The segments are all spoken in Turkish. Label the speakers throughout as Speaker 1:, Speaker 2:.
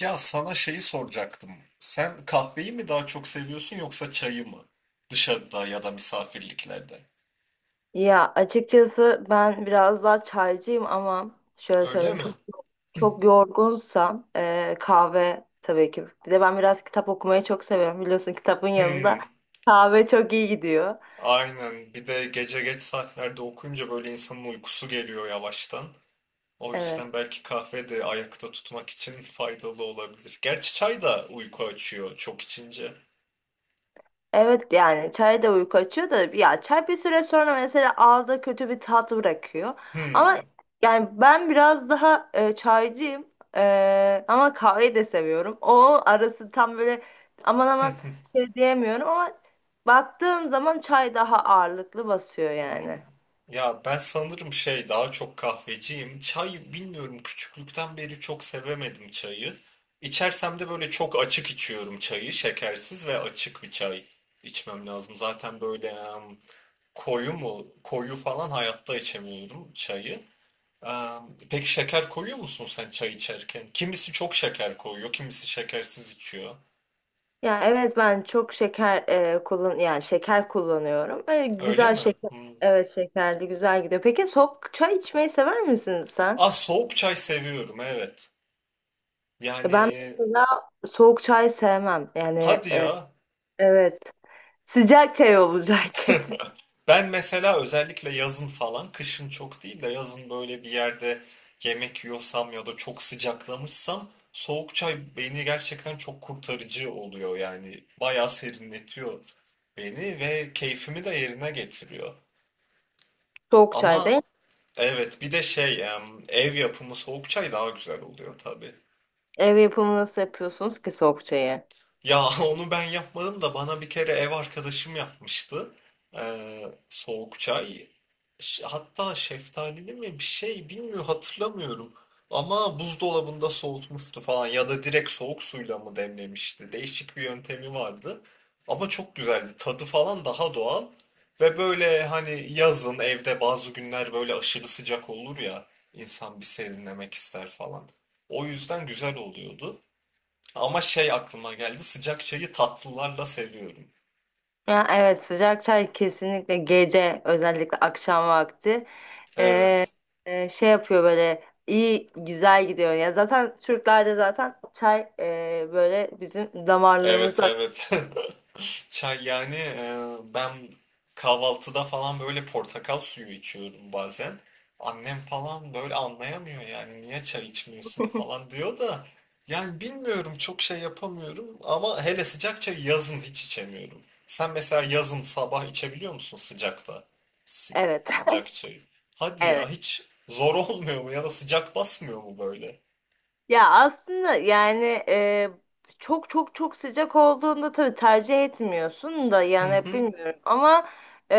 Speaker 1: Ya sana şeyi soracaktım. Sen kahveyi mi daha çok seviyorsun yoksa çayı mı? Dışarıda ya da misafirliklerde.
Speaker 2: Ya açıkçası ben biraz daha çaycıyım ama şöyle
Speaker 1: Öyle
Speaker 2: söyleyeyim
Speaker 1: mi?
Speaker 2: çok yorgunsam kahve tabii ki. Bir de ben biraz kitap okumayı çok seviyorum, biliyorsun, kitabın yanında
Speaker 1: Hmm,
Speaker 2: kahve çok iyi gidiyor.
Speaker 1: aynen. Bir de gece geç saatlerde okuyunca böyle insanın uykusu geliyor yavaştan. O
Speaker 2: Evet.
Speaker 1: yüzden belki kahve de ayakta tutmak için faydalı olabilir. Gerçi çay da uyku açıyor çok içince.
Speaker 2: Evet, yani çay da uyku açıyor da ya çay bir süre sonra mesela ağızda kötü bir tat bırakıyor. Ama
Speaker 1: Hmm.
Speaker 2: yani ben biraz daha çaycıyım. Ama kahveyi de seviyorum. O arası tam böyle aman aman şey diyemiyorum ama baktığım zaman çay daha ağırlıklı basıyor
Speaker 1: Hmm.
Speaker 2: yani.
Speaker 1: Ya ben sanırım şey daha çok kahveciyim. Çay bilmiyorum küçüklükten beri çok sevemedim çayı. İçersem de böyle çok açık içiyorum çayı. Şekersiz ve açık bir çay içmem lazım. Zaten böyle koyu mu koyu falan hayatta içemiyorum çayı. Peki şeker koyuyor musun sen çay içerken? Kimisi çok şeker koyuyor, kimisi şekersiz içiyor.
Speaker 2: Ya evet, ben çok şeker e, kullan yani şeker kullanıyorum. Öyle
Speaker 1: Öyle
Speaker 2: güzel
Speaker 1: mi?
Speaker 2: şeker,
Speaker 1: Hmm.
Speaker 2: evet, şekerli güzel gidiyor. Peki soğuk çay içmeyi sever misin sen?
Speaker 1: Ah soğuk çay seviyorum evet.
Speaker 2: Ben
Speaker 1: Yani
Speaker 2: mesela soğuk çay sevmem. Yani
Speaker 1: hadi
Speaker 2: e,
Speaker 1: ya
Speaker 2: evet. Sıcak çay olacak.
Speaker 1: Ben mesela özellikle yazın falan, kışın çok değil de yazın böyle bir yerde yemek yiyorsam ya da çok sıcaklamışsam soğuk çay beni gerçekten çok kurtarıcı oluyor yani. Bayağı serinletiyor beni ve keyfimi de yerine getiriyor.
Speaker 2: Soğuk çay
Speaker 1: Ama
Speaker 2: değil.
Speaker 1: evet bir de şey ev yapımı soğuk çay daha güzel oluyor tabii.
Speaker 2: Ev yapımı nasıl yapıyorsunuz ki soğuk çayı?
Speaker 1: Ya onu ben yapmadım da bana bir kere ev arkadaşım yapmıştı. Ee, soğuk çay. Hatta şeftalili mi bir şey bilmiyorum hatırlamıyorum. Ama buzdolabında soğutmuştu falan ya da direkt soğuk suyla mı demlemişti. Değişik bir yöntemi vardı. Ama çok güzeldi. Tadı falan daha doğal. Ve böyle hani yazın evde bazı günler böyle aşırı sıcak olur ya. İnsan bir serinlemek ister falan. O yüzden güzel oluyordu. Ama şey aklıma geldi. Sıcak çayı tatlılarla seviyorum.
Speaker 2: Ya evet, sıcak çay kesinlikle gece, özellikle akşam vakti e,
Speaker 1: Evet.
Speaker 2: şey yapıyor, böyle iyi güzel gidiyor. Ya zaten Türklerde zaten çay böyle bizim
Speaker 1: Evet
Speaker 2: damarlarımızda.
Speaker 1: evet. Çay yani ben kahvaltıda falan böyle portakal suyu içiyorum bazen. Annem falan böyle anlayamıyor yani niye çay içmiyorsun falan diyor da yani bilmiyorum çok şey yapamıyorum ama hele sıcak çayı yazın hiç içemiyorum. Sen mesela yazın sabah içebiliyor musun sıcakta?
Speaker 2: Evet.
Speaker 1: Sıcak çayı. Hadi
Speaker 2: Evet.
Speaker 1: ya hiç zor olmuyor mu ya da sıcak basmıyor mu böyle?
Speaker 2: Ya aslında yani çok sıcak olduğunda tabii tercih etmiyorsun da
Speaker 1: Hı
Speaker 2: yani
Speaker 1: hı.
Speaker 2: bilmiyorum ama e,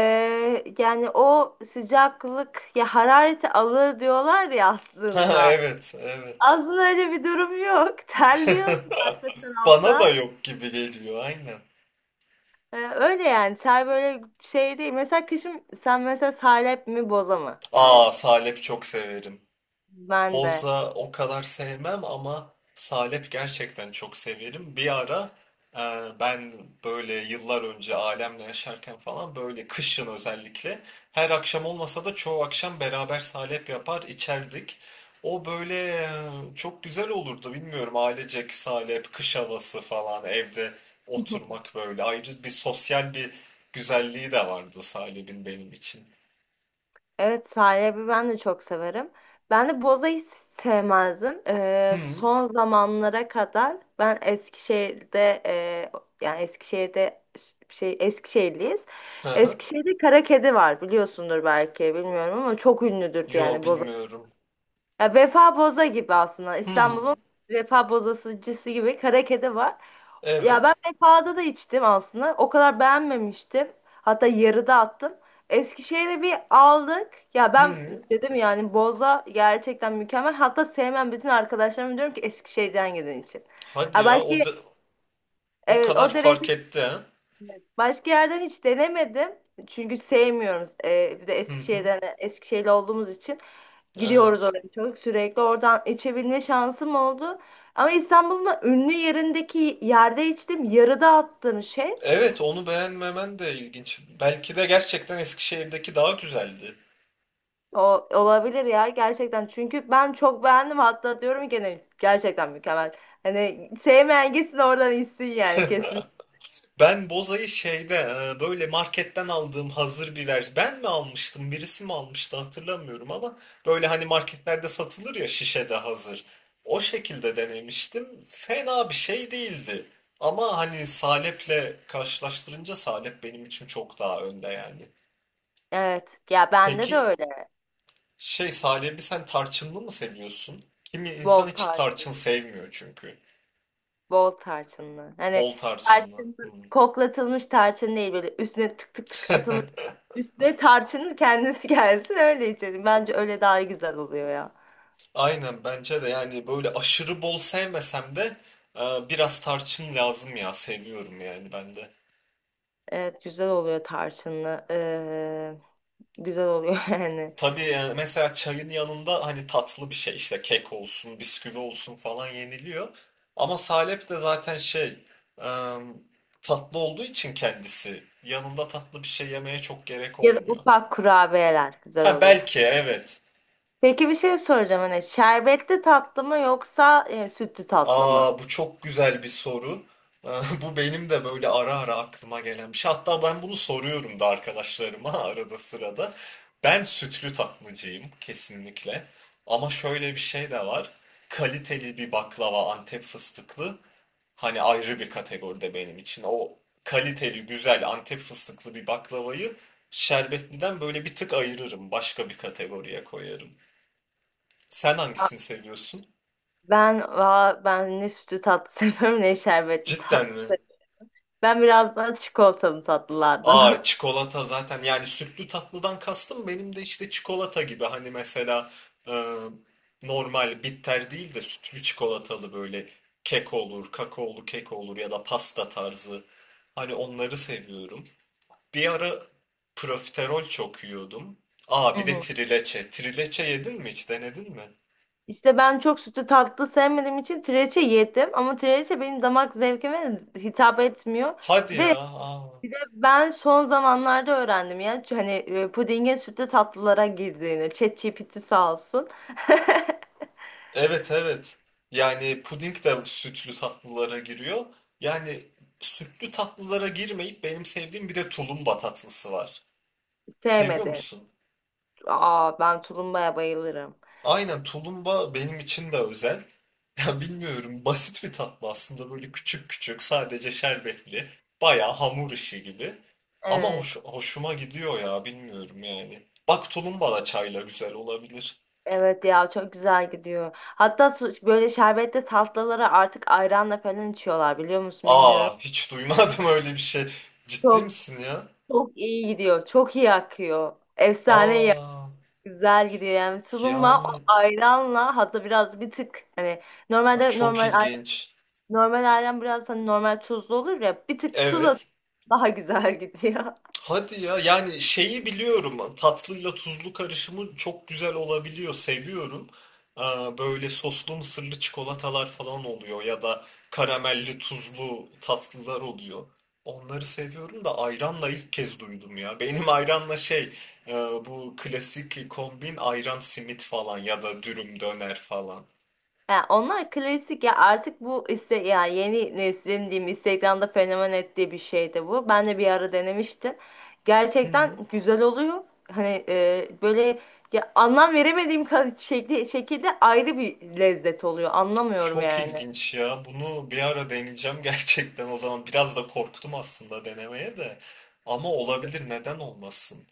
Speaker 2: yani o sıcaklık ya harareti alır diyorlar ya
Speaker 1: Ha,
Speaker 2: aslında.
Speaker 1: evet evet.
Speaker 2: Aslında öyle bir durum yok. Terliyorsun arka
Speaker 1: Bana da
Speaker 2: taraftan.
Speaker 1: yok gibi geliyor aynen.
Speaker 2: Öyle yani, ter böyle şey değil. Mesela kışın sen mesela salep mi boza mı?
Speaker 1: Aa
Speaker 2: Yani
Speaker 1: salep çok severim.
Speaker 2: ben de.
Speaker 1: Boza o kadar sevmem ama salep gerçekten çok severim. Bir ara e, ben böyle yıllar önce ailemle yaşarken falan böyle kışın özellikle her akşam olmasa da çoğu akşam beraber salep yapar içerdik. O böyle çok güzel olurdu bilmiyorum ailecek salep, kış havası falan evde oturmak böyle ayrı bir sosyal bir güzelliği de vardı salep'in benim için.
Speaker 2: Evet sahibi, ben de çok severim. Ben de bozayı hiç sevmezdim.
Speaker 1: Hmm.
Speaker 2: Son zamanlara kadar. Ben Eskişehir'de yani Eskişehir'de şey, Eskişehirliyiz.
Speaker 1: Hı hı.
Speaker 2: Eskişehir'de kara kedi var, biliyorsundur belki, bilmiyorum, ama çok ünlüdür
Speaker 1: Yo
Speaker 2: yani boza,
Speaker 1: bilmiyorum.
Speaker 2: ya Vefa Boza gibi aslında.
Speaker 1: Hmm.
Speaker 2: İstanbul'un Vefa Bozacısı gibi Karakede var. Ya ben
Speaker 1: Evet.
Speaker 2: Vefa'da da içtim aslında. O kadar beğenmemiştim. Hatta yarıda attım. Eskişehir'e bir aldık. Ya ben
Speaker 1: Hı.
Speaker 2: dedim yani boza gerçekten mükemmel. Hatta sevmem bütün arkadaşlarıma diyorum ki Eskişehir'den gelen için.
Speaker 1: Hadi
Speaker 2: Ya
Speaker 1: ya
Speaker 2: başka,
Speaker 1: o da, o
Speaker 2: evet,
Speaker 1: kadar
Speaker 2: o derece.
Speaker 1: fark etti ha.
Speaker 2: Başka yerden hiç denemedim. Çünkü sevmiyoruz. Bir de
Speaker 1: Hı hı.
Speaker 2: Eskişehir'den, Eskişehirli olduğumuz için gidiyoruz
Speaker 1: Evet.
Speaker 2: oraya çok. Sürekli oradan içebilme şansım oldu. Ama İstanbul'un da ünlü yerindeki yerde içtim. Yarıda attığım şey
Speaker 1: Evet onu beğenmemen de ilginç. Belki de gerçekten Eskişehir'deki daha güzeldi.
Speaker 2: o olabilir ya gerçekten. Çünkü ben çok beğendim. Hatta diyorum gene gerçekten mükemmel. Hani sevmeyen gitsin oradan içsin yani, kesin.
Speaker 1: Ben bozayı şeyde böyle marketten aldığım hazır bir vers. Ben mi almıştım, birisi mi almıştı hatırlamıyorum ama böyle hani marketlerde satılır ya şişede hazır. O şekilde denemiştim. Fena bir şey değildi. Ama hani salep'le karşılaştırınca salep benim için çok daha önde yani.
Speaker 2: Evet. Ya bende de
Speaker 1: Peki
Speaker 2: öyle.
Speaker 1: şey Salih sen tarçınlı mı seviyorsun? Kimi insan
Speaker 2: Bol
Speaker 1: hiç
Speaker 2: tarz.
Speaker 1: tarçın sevmiyor çünkü.
Speaker 2: Bol tarçınlı. Hani
Speaker 1: Bol tarçınlı.
Speaker 2: tarçın,
Speaker 1: Hmm.
Speaker 2: koklatılmış tarçın değil, böyle üstüne tık tık tık atılmış. Üstüne tarçının kendisi gelsin, öyle içelim. Bence öyle daha güzel oluyor ya.
Speaker 1: Aynen bence de yani böyle aşırı bol sevmesem de e, biraz tarçın lazım ya seviyorum yani ben de.
Speaker 2: Evet, güzel oluyor tarçınlı. Güzel oluyor yani.
Speaker 1: Tabii mesela çayın yanında hani tatlı bir şey işte kek olsun bisküvi olsun falan yeniliyor. Ama salep de zaten şey e, tatlı olduğu için kendisi yanında tatlı bir şey yemeye çok gerek
Speaker 2: Ya da
Speaker 1: olmuyor.
Speaker 2: ufak kurabiyeler güzel
Speaker 1: Ha
Speaker 2: oluyor.
Speaker 1: belki evet.
Speaker 2: Peki bir şey soracağım, hani şerbetli tatlı mı yoksa sütlü tatlı mı?
Speaker 1: Aa bu çok güzel bir soru. Bu benim de böyle ara ara aklıma gelen bir şey. Hatta ben bunu soruyorum da arkadaşlarıma arada sırada. Ben sütlü tatlıcıyım kesinlikle. Ama şöyle bir şey de var. Kaliteli bir baklava Antep fıstıklı hani ayrı bir kategoride benim için. O kaliteli güzel Antep fıstıklı bir baklavayı şerbetliden böyle bir tık ayırırım. Başka bir kategoriye koyarım. Sen
Speaker 2: Aa,
Speaker 1: hangisini seviyorsun?
Speaker 2: Ben, ben ne sütlü tatlı seviyorum ne şerbetli
Speaker 1: Cidden mi?
Speaker 2: tatlı. Ben biraz daha çikolatalı
Speaker 1: Aa
Speaker 2: tatlılardanım.
Speaker 1: çikolata zaten yani sütlü tatlıdan kastım benim de işte çikolata gibi hani mesela e, normal bitter değil de sütlü çikolatalı böyle kek olur, kakaolu kek olur ya da pasta tarzı hani onları seviyorum. Bir ara profiterol çok yiyordum. Aa bir de trileçe. Trileçe yedin mi hiç denedin mi?
Speaker 2: İşte ben çok sütlü tatlı sevmediğim için trileçe yedim ama trileçe benim damak zevkime hitap etmiyor.
Speaker 1: Hadi
Speaker 2: Bir
Speaker 1: ya.
Speaker 2: de
Speaker 1: Aa.
Speaker 2: bir de ben son zamanlarda öğrendim ya hani pudingin sütlü tatlılara girdiğini. ChatGPT sağ olsun.
Speaker 1: Evet evet. Yani puding de sütlü tatlılara giriyor. Yani sütlü tatlılara girmeyip benim sevdiğim bir de tulumba tatlısı var. Seviyor
Speaker 2: Sevmedi.
Speaker 1: musun?
Speaker 2: Aa, ben tulumbaya bayılırım.
Speaker 1: Aynen tulumba benim için de özel. Ya bilmiyorum basit bir tatlı aslında böyle küçük küçük sadece şerbetli. Bayağı hamur işi gibi. Ama
Speaker 2: Evet.
Speaker 1: hoş, hoşuma gidiyor ya bilmiyorum yani. Bak tulumba da çayla güzel olabilir.
Speaker 2: Evet ya, çok güzel gidiyor. Hatta böyle şerbetli tatlılara artık ayranla falan içiyorlar, biliyor musun, bilmiyorum.
Speaker 1: Aa hiç duymadım öyle bir şey. Ciddi
Speaker 2: Çok
Speaker 1: misin ya?
Speaker 2: çok iyi gidiyor. Çok iyi akıyor. Efsane iyi.
Speaker 1: Aa.
Speaker 2: Güzel gidiyor yani tulumba o
Speaker 1: Yani
Speaker 2: ayranla, hatta biraz bir tık hani
Speaker 1: a,
Speaker 2: normalde
Speaker 1: çok
Speaker 2: normal ay-
Speaker 1: ilginç.
Speaker 2: normal ayran biraz, hani normal tuzlu olur ya, bir tık tuz at,
Speaker 1: Evet.
Speaker 2: daha güzel gidiyor.
Speaker 1: Hadi ya yani şeyi biliyorum. Hani tatlıyla tuzlu karışımı çok güzel olabiliyor seviyorum. Aa, böyle soslu mısırlı çikolatalar falan oluyor ya da karamelli tuzlu tatlılar oluyor. Onları seviyorum da ayranla ilk kez duydum ya. Benim ayranla şey e, bu klasik kombin ayran simit falan ya da dürüm döner falan.
Speaker 2: Yani onlar klasik ya, artık bu iste yani yeni neslin diyeyim Instagram'da fenomen ettiği bir şey de bu. Ben de bir ara denemiştim. Gerçekten güzel oluyor. Hani böyle ya anlam veremediğim şekli, şekilde ayrı bir lezzet oluyor. Anlamıyorum
Speaker 1: Çok
Speaker 2: yani.
Speaker 1: ilginç ya. Bunu bir ara deneyeceğim gerçekten. O zaman biraz da korktum aslında denemeye de. Ama olabilir, neden olmasın?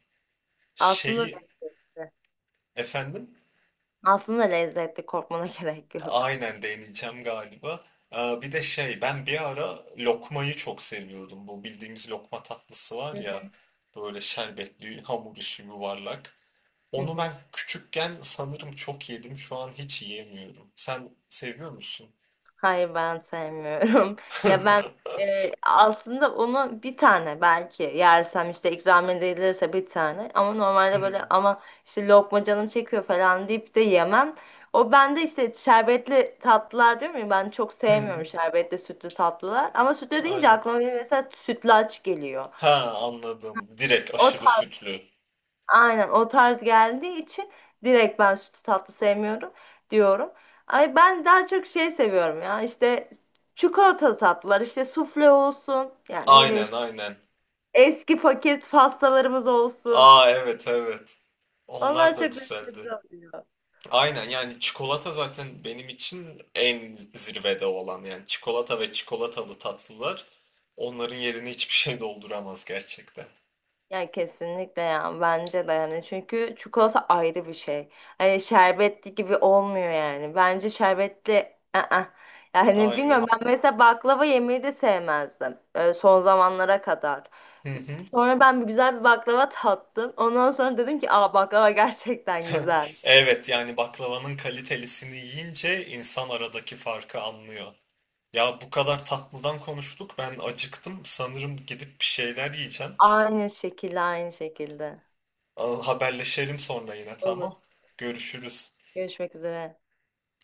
Speaker 2: Aslında
Speaker 1: Şeyi efendim
Speaker 2: Aslında lezzetli, korkmana gerek yok.
Speaker 1: aynen deneyeceğim galiba. Bir de şey ben bir ara lokmayı çok seviyordum. Bu bildiğimiz lokma tatlısı var
Speaker 2: Hı
Speaker 1: ya
Speaker 2: hı,
Speaker 1: böyle şerbetli hamur işi yuvarlak.
Speaker 2: hı
Speaker 1: Onu
Speaker 2: hı.
Speaker 1: ben küçükken sanırım çok yedim. Şu an hiç yiyemiyorum. Sen seviyor musun?
Speaker 2: Hayır, ben sevmiyorum. Ya ben aslında onu bir tane belki yersem, işte ikram edilirse, bir tane, ama normalde böyle
Speaker 1: Hmm.
Speaker 2: ama işte lokma canım çekiyor falan deyip de yemem. O bende işte şerbetli tatlılar diyorum ya, ben çok sevmiyorum
Speaker 1: Hmm.
Speaker 2: şerbetli sütlü tatlılar, ama sütlü deyince
Speaker 1: Aynen.
Speaker 2: aklıma benim mesela sütlaç geliyor.
Speaker 1: Ha
Speaker 2: İşte
Speaker 1: anladım. Direkt
Speaker 2: o
Speaker 1: aşırı sütlü.
Speaker 2: aynen o tarz geldiği için direkt ben sütlü tatlı sevmiyorum diyorum. Ay ben daha çok şey seviyorum ya, işte çikolatalı tatlılar, işte sufle olsun, yani ne bileyim,
Speaker 1: Aynen
Speaker 2: işte
Speaker 1: aynen.
Speaker 2: eski paket pastalarımız olsun.
Speaker 1: Aa evet evet. Onlar
Speaker 2: Onlar
Speaker 1: da
Speaker 2: çok
Speaker 1: güzeldi.
Speaker 2: lezzetli oluyor.
Speaker 1: Aynen yani çikolata zaten benim için en zirvede olan yani çikolata ve çikolatalı tatlılar onların yerini hiçbir şey dolduramaz gerçekten.
Speaker 2: Ya kesinlikle ya, bence de yani, çünkü çikolata ayrı bir şey. Hani şerbetli gibi olmuyor yani. Bence şerbetli ı-ı. Yani bilmiyorum,
Speaker 1: Aynen.
Speaker 2: ben mesela baklava yemeyi de sevmezdim son zamanlara kadar.
Speaker 1: Hı hı.
Speaker 2: Sonra ben bir güzel bir baklava tattım. Ondan sonra dedim ki aa, baklava gerçekten güzel.
Speaker 1: Evet yani baklavanın kalitelisini yiyince insan aradaki farkı anlıyor. Ya bu kadar tatlıdan konuştuk ben acıktım sanırım gidip bir şeyler yiyeceğim.
Speaker 2: Aynı şekilde, aynı şekilde.
Speaker 1: Al, haberleşelim sonra yine
Speaker 2: Olur.
Speaker 1: tamam. Görüşürüz.
Speaker 2: Görüşmek üzere.